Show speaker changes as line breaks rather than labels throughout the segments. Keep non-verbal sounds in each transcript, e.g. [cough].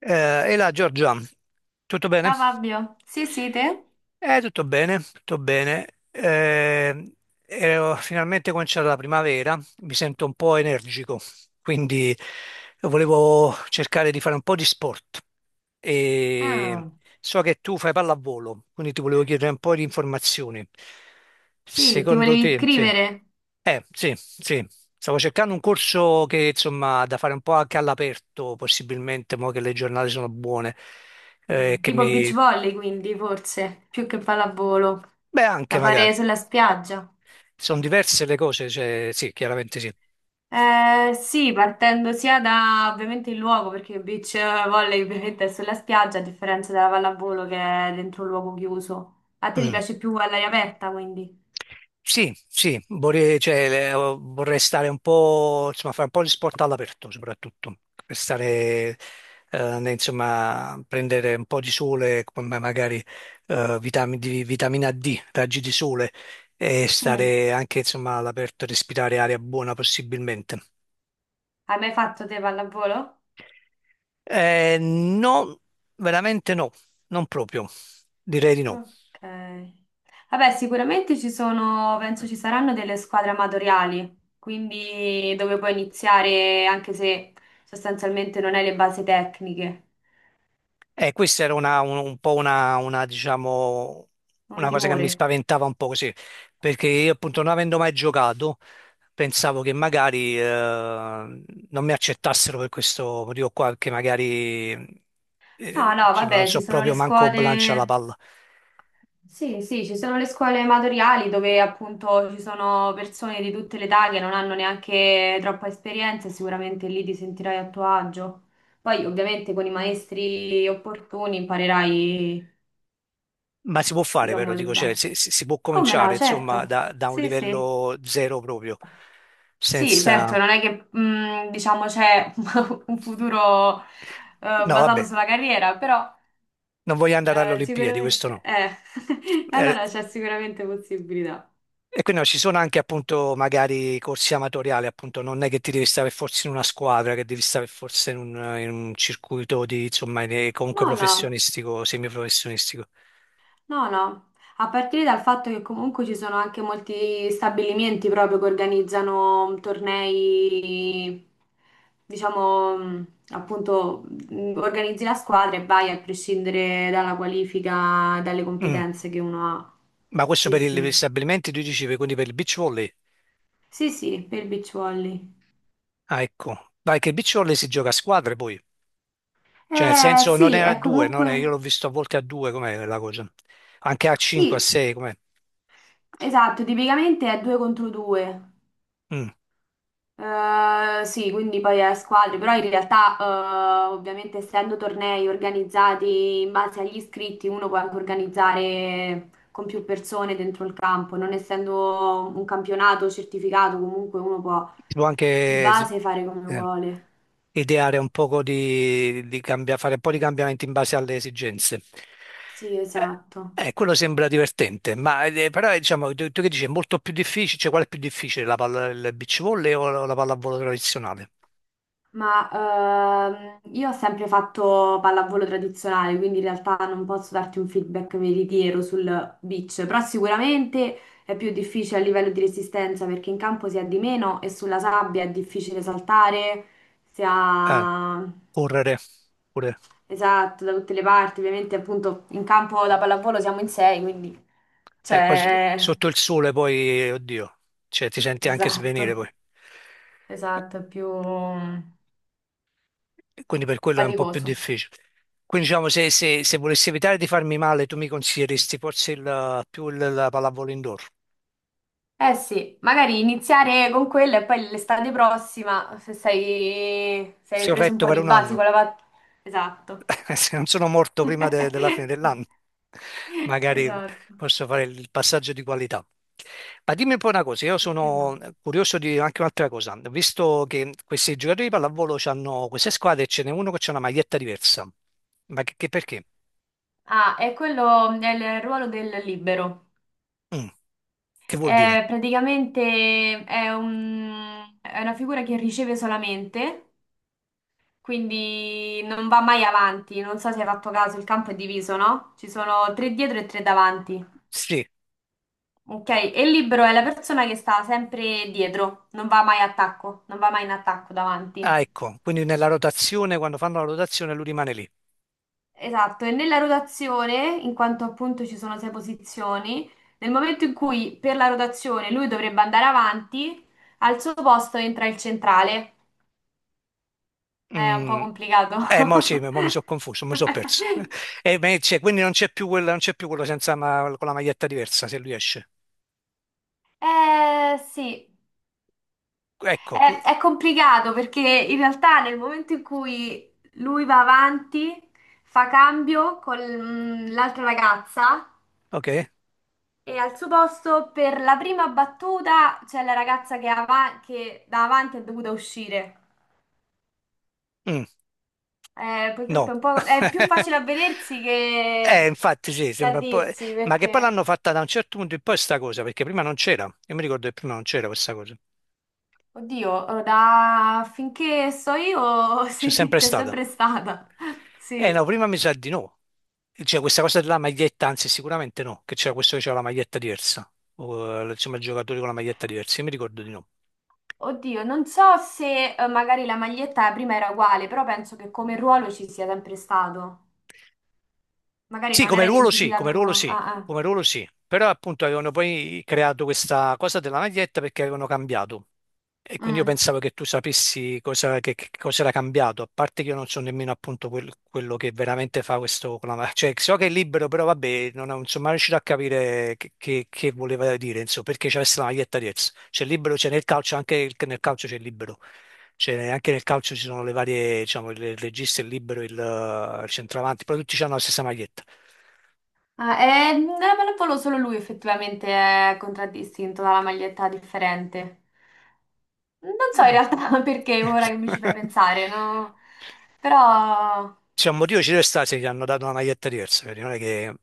E là, Giorgia, tutto bene?
Ciao Fabio, sì, sì, te?
Tutto bene, tutto bene. E ho finalmente cominciato la primavera, mi sento un po' energico, quindi volevo cercare di fare un po' di sport. E
Ah,
so che tu fai pallavolo, quindi ti volevo chiedere un po' di informazioni.
sì, ti
Secondo
volevi
te, sì.
iscrivere?
Sì, sì. Stavo cercando un corso che, insomma, da fare un po' anche all'aperto, possibilmente, mo che le giornate sono buone, che
Tipo beach
mi.
volley quindi, forse, più che pallavolo,
Beh, anche
da
magari.
fare sulla spiaggia.
Sono diverse le cose, cioè, sì, chiaramente sì.
Sì, partendo sia da ovviamente il luogo, perché il beach volley ovviamente è sulla spiaggia, a differenza della pallavolo che è dentro un luogo chiuso. A te ti
Mm.
piace più all'aria aperta quindi?
Sì, sì, vorrei, cioè, vorrei stare un po', insomma, fare un po' di sport all'aperto soprattutto, per stare, insomma, prendere un po' di sole, come magari vitamina D, raggi di sole, e
[laughs] Hai
stare anche, insomma, all'aperto, respirare aria buona possibilmente.
mai fatto te pallavolo?
No, veramente no, non proprio, direi di no.
Ok. Vabbè, sicuramente ci sono, penso ci saranno delle squadre amatoriali, quindi dove puoi iniziare anche se sostanzialmente non hai le basi tecniche,
Questa era un po' diciamo,
non
una cosa che
timore.
mi spaventava un po' così, perché io appunto non avendo mai giocato, pensavo che magari non mi accettassero per questo motivo qua, che magari
No, no,
insomma, non
vabbè, ci
so
sono le
proprio manco lancia la
scuole,
palla.
sì, sì, ci sono le scuole amatoriali dove appunto ci sono persone di tutte le età che non hanno neanche troppa esperienza, e sicuramente lì ti sentirai a tuo agio. Poi ovviamente con i maestri opportuni imparerai,
Ma si può fare
diciamo,
però,
le
dico, cioè,
basi.
si può
Come
cominciare
no,
insomma
certo.
da un
Sì, sì.
livello zero proprio,
Sì, certo,
senza.
non è che, diciamo, c'è [laughs] un futuro,
No,
basato
vabbè,
sulla carriera, però,
non voglio andare alle Olimpiadi, questo
sicuramente,
no.
[laughs]
Eh,
allora c'è sicuramente possibilità.
E quindi no, ci sono anche appunto magari corsi amatoriali, appunto non è che ti devi stare forse in una squadra, che devi stare forse in un circuito di, insomma, comunque
No, no.
professionistico, semiprofessionistico.
No, no, a partire dal fatto che comunque ci sono anche molti stabilimenti proprio che organizzano tornei, diciamo, appunto, organizzi la squadra e vai a prescindere dalla qualifica, dalle
Mm.
competenze che uno ha.
Ma questo
Sì,
per gli
sì.
stabilimenti, tu dicevi, quindi per il beach volley?
Sì, sì, per il beach volley.
Ah, ecco. Vai che il beach volley si gioca a squadre poi. Cioè nel senso non è
Sì,
a
è
due, non è- io
comunque...
l'ho visto a volte a due, com'è la cosa? Anche a cinque, a
Sì,
sei, com'è?
esatto, tipicamente è due contro due.
Mm.
Sì, quindi poi a squadre, però in realtà, ovviamente essendo tornei organizzati in base agli iscritti, uno può anche organizzare con più persone dentro il campo, non essendo un campionato certificato, comunque uno può
Si può
di
anche
base fare come
eh.
vuole.
ideare un poco di fare un po' di cambiamenti in base alle esigenze.
Sì, esatto.
Quello sembra divertente, ma però diciamo, tu che dici, è molto più difficile, cioè qual è più difficile, la palla, il beach volley o la pallavolo tradizionale?
Ma io ho sempre fatto pallavolo tradizionale, quindi in realtà non posso darti un feedback veritiero sul beach, però sicuramente è più difficile a livello di resistenza perché in campo si ha di meno e sulla sabbia è difficile saltare, si
Eh,
ha...
Correre, pure.
Esatto, da tutte le parti, ovviamente appunto in campo da pallavolo siamo in sei, quindi,
Poi
cioè,
sotto il sole poi, oddio, cioè, ti senti anche svenire poi.
esatto, esatto, è più
Quindi per quello è un po' più
faticoso.
difficile. Quindi diciamo, se volessi evitare di farmi male, tu mi consiglieresti forse più la pallavolo indoor?
Eh sì, magari iniziare con quella e poi l'estate prossima, se sei, se hai
Sì, ho
preso un
retto
po'
per
di
un
basi con
anno.
la Esatto.
[laughs] Se non sono morto prima della fine
[laughs]
dell'anno, magari
Esatto.
posso fare il passaggio di qualità. Ma dimmi un po' una cosa, io
Perché
sono
no?
curioso di anche un'altra cosa. Ho visto che questi giocatori di pallavolo hanno queste squadre e ce n'è uno che ha una maglietta diversa. Ma che perché?
Ah, è quello, è il ruolo del libero.
Mm, Che vuol dire?
È praticamente è è una figura che riceve solamente, quindi non va mai avanti. Non so se hai fatto caso, il campo è diviso, no? Ci sono tre dietro e tre davanti.
Sì,
Ok, e il libero è la persona che sta sempre dietro, non va mai a attacco, non va mai in attacco davanti.
ah, ecco, quindi nella rotazione, quando fanno la rotazione lui rimane lì.
Esatto, e nella rotazione, in quanto appunto ci sono sei posizioni, nel momento in cui per la rotazione lui dovrebbe andare avanti, al suo posto entra il centrale. È un po'
Mm,
complicato.
Mo sì, mo mi sono confuso, mi sono perso.
[laughs]
[laughs] E beh, quindi non c'è più quella, non c'è più quello senza con la maglietta diversa se lui esce.
Eh sì.
Ecco,
È complicato perché in realtà nel momento in cui lui va avanti, fa cambio con l'altra ragazza
ok.
e al suo posto per la prima battuta c'è la ragazza che, che da avanti è dovuta uscire.
Mm,
Purtroppo è
no.
un po', è più
[laughs]
facile a vedersi
Infatti sì,
che a
sembra un po'.
dirsi
Ma che poi
perché,
l'hanno fatta da un certo punto in poi sta cosa, perché prima non c'era. Io mi ricordo che prima non c'era questa cosa.
oddio, da finché so io [laughs]
C'è
sì,
sempre
c'è
stata.
sempre stata.
Eh no,
Sì.
prima mi sa di no. Cioè questa cosa della maglietta, anzi sicuramente no, che c'era questo che c'era la maglietta diversa. Insomma, i giocatori con la maglietta diversa, io mi ricordo di no.
Oddio, non so se, magari la maglietta prima era uguale, però penso che come ruolo ci sia sempre stato. Magari
Sì,
non
come
era
ruolo sì,
identificato
come ruolo
con...
sì,
Ah, ah.
come ruolo sì, però appunto avevano poi creato questa cosa della maglietta perché avevano cambiato e quindi io
Mm.
pensavo che tu sapessi cosa, che cosa era cambiato, a parte che io non so nemmeno appunto quello che veramente fa questo cioè so che è libero, però vabbè, non ho- insomma non riuscito a capire che, che voleva dire, insomma, perché c'è la maglietta diversa, c'è libero, c'è nel calcio, anche nel calcio c'è libero. Cioè, anche nel calcio ci sono le varie, diciamo, il regista, il libero, il centravanti, però tutti hanno la stessa maglietta.
Ah, non me lo volo solo lui effettivamente è contraddistinto dalla maglietta differente. Non so in
Mm.
realtà [laughs] perché ora che mi ci fai
[laughs]
pensare, no? Però
C'è un motivo ci deve stare se gli hanno dato una maglietta diversa, vedi? Non è che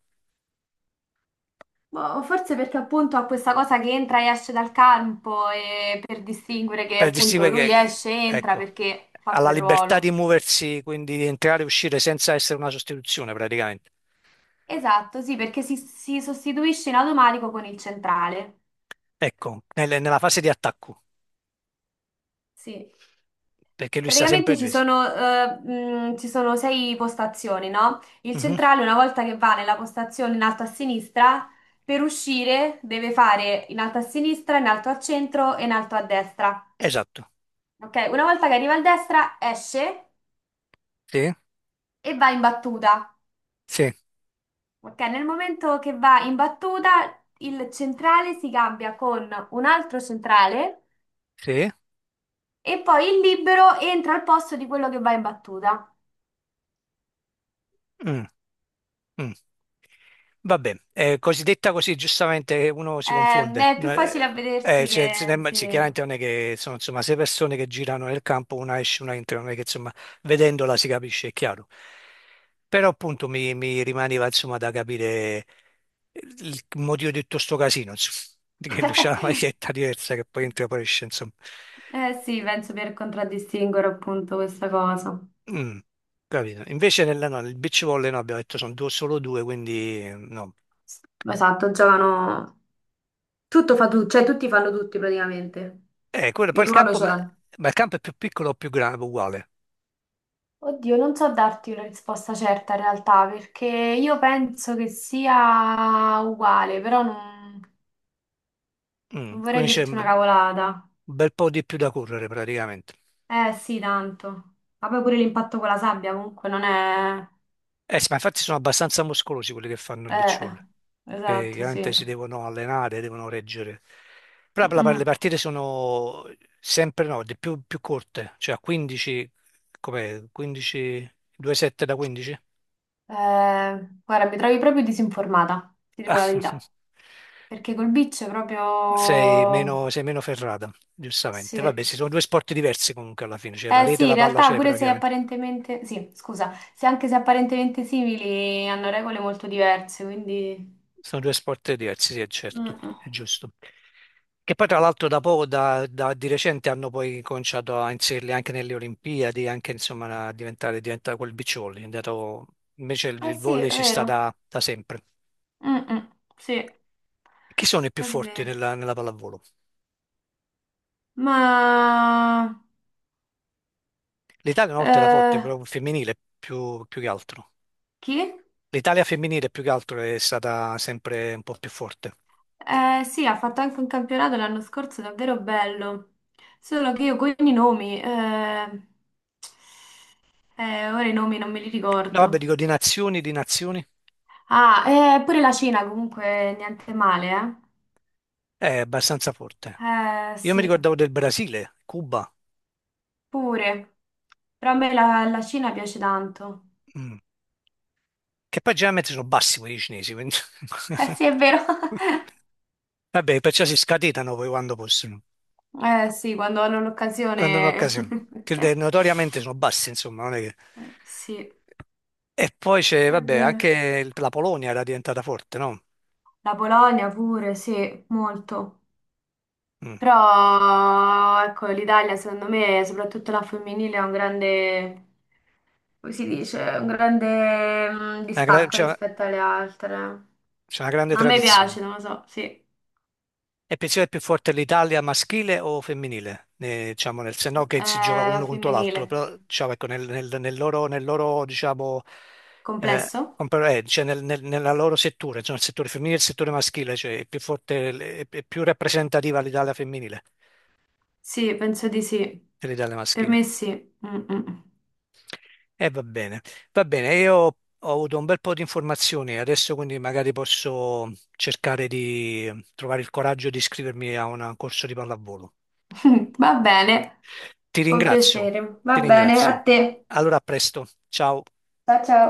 boh, forse perché appunto ha questa cosa che entra e esce dal campo e per distinguere che
per
appunto
distinguere
lui
che,
esce e entra
ecco,
perché fa
ha la
quel
libertà
ruolo.
di muoversi, quindi di entrare e uscire senza essere una sostituzione praticamente.
Esatto, sì, perché si sostituisce in automatico con il centrale.
Ecco, nella fase di attacco,
Sì.
perché lui sta sempre
Praticamente
difeso.
ci sono sei postazioni, no? Il
Mhm,
centrale, una volta che va nella postazione in alto a sinistra, per uscire deve fare in alto a sinistra, in alto a centro e in alto a destra.
esatto.
Ok? Una volta che arriva a destra, esce
Sì,
e va in battuta.
sì,
Ok? Nel momento che va in battuta, il centrale si cambia con un altro centrale.
sì.
E poi il libero entra al posto di quello che va in battuta.
Mm, mm. Vabbè, così detta così giustamente uno si confonde.
È più
No.
facile a vedersi
Cioè, se
che...
ne-
Sì.
sì, chiaramente non è che sono insomma sei persone che girano nel campo, una esce, una entra, non è che insomma vedendola si capisce, è chiaro. Però appunto mi rimaneva insomma da capire il motivo di tutto sto casino, insomma, di che lui c'ha la
[laughs]
maglietta diversa che poi entra e poi esce, insomma.
Eh sì, penso per contraddistinguere appunto questa cosa.
Mm, Capito. Invece nella, no, nel beach volley no, abbiamo detto sono solo due, quindi no.
Esatto, giocano... Tutto fa tu, cioè tutti fanno tutti praticamente.
Quello, poi
Il
il
ruolo
campo,
ce
ma,
l'hanno.
ma il campo è più piccolo o più grande, uguale.
Oddio, non so darti una risposta certa in realtà, perché io penso che sia uguale, però non, non vorrei
Quindi c'è
dirti una
un
cavolata.
bel po' di più da correre praticamente.
Eh sì, tanto. Ma poi pure l'impatto con la sabbia comunque non è...
Eh sì, ma infatti sono abbastanza muscolosi quelli che fanno il beach
Eh,
volley, che
esatto,
chiaramente
sì.
si devono allenare, devono reggere. Però
Mm,
per
mm.
le partite sono sempre no, di più, corte, cioè a 15, com'è? 15, 2-7 da 15?
Guarda, mi trovi proprio disinformata, ti dico
Ah,
la
[laughs]
verità. Perché col beach è
sei
proprio...
meno, sei meno ferrata, giustamente.
Sì.
Vabbè, ci sono due sport diversi comunque alla fine, cioè la
Eh
rete e
sì,
la
in
palla
realtà
c'è,
pure
però
se
chiaramente
apparentemente... Sì, scusa, se anche se apparentemente simili hanno regole molto diverse, quindi...
sono due sport diversi, sì, è
Mm,
certo,
mm.
è giusto. Che poi tra l'altro da poco, di recente hanno poi cominciato a inserirli anche nelle Olimpiadi, anche insomma a diventare, diventa quel beach volley, invece il,
Eh
il
sì,
volley
è
ci sta
vero.
da sempre.
Mm, mm. Sì, è
Chi sono i più forti
vero.
nella pallavolo?
Ma...
L'Italia una volta era forte,
Eh,
però femminile più che altro.
chi?
L'Italia femminile più che altro è stata sempre un po' più forte.
Sì, ha fatto anche un campionato l'anno scorso davvero bello, solo che io con i nomi, ora i nomi non me li
No, vabbè,
ricordo.
dico di nazioni,
Ah, pure la Cina comunque niente male,
è abbastanza forte.
eh?
Io mi
Sì,
ricordavo del Brasile, Cuba.
pure, però a me la Cina piace tanto.
Mm. Che poi generalmente sono bassi quelli cinesi, quindi.
Eh sì, è
[laughs]
vero. [laughs]
Vabbè, perciò si scatenano poi quando possono,
Eh sì, quando hanno
quando hanno
l'occasione.
occasione.
[laughs]
Che notoriamente sono bassi, insomma, non è che.
Sì, è
E poi c'è, vabbè,
vero.
anche la Polonia era diventata forte, no?
La Polonia pure, sì, molto.
Mm.
Però, ecco, l'Italia secondo me, soprattutto la femminile, ha un grande, come si dice, un grande,
Una gra-
distacco
C'è
rispetto alle altre.
c'è una grande
Ma a me
tradizione.
piace, non lo so, sì.
E pensi che è più forte l'Italia maschile o femminile? Diciamo, se no che si gioca
La
uno contro l'altro,
femminile.
però diciamo, ecco, nel loro, diciamo,
Complesso?
cioè, nella loro settore, cioè, il settore femminile e il settore maschile, cioè è più forte, è più rappresentativa l'Italia femminile
Sì, penso di sì.
dell'Italia
Per
maschile.
me sì. Mm, mm.
E va bene, io ho avuto un bel po' di informazioni, adesso quindi magari posso cercare di trovare il coraggio di iscrivermi a un corso di pallavolo.
[laughs] Va bene,
Ti
con
ringrazio,
piacere.
ti
Va bene,
ringrazio.
a te.
Allora, a presto. Ciao.
Ciao, ciao.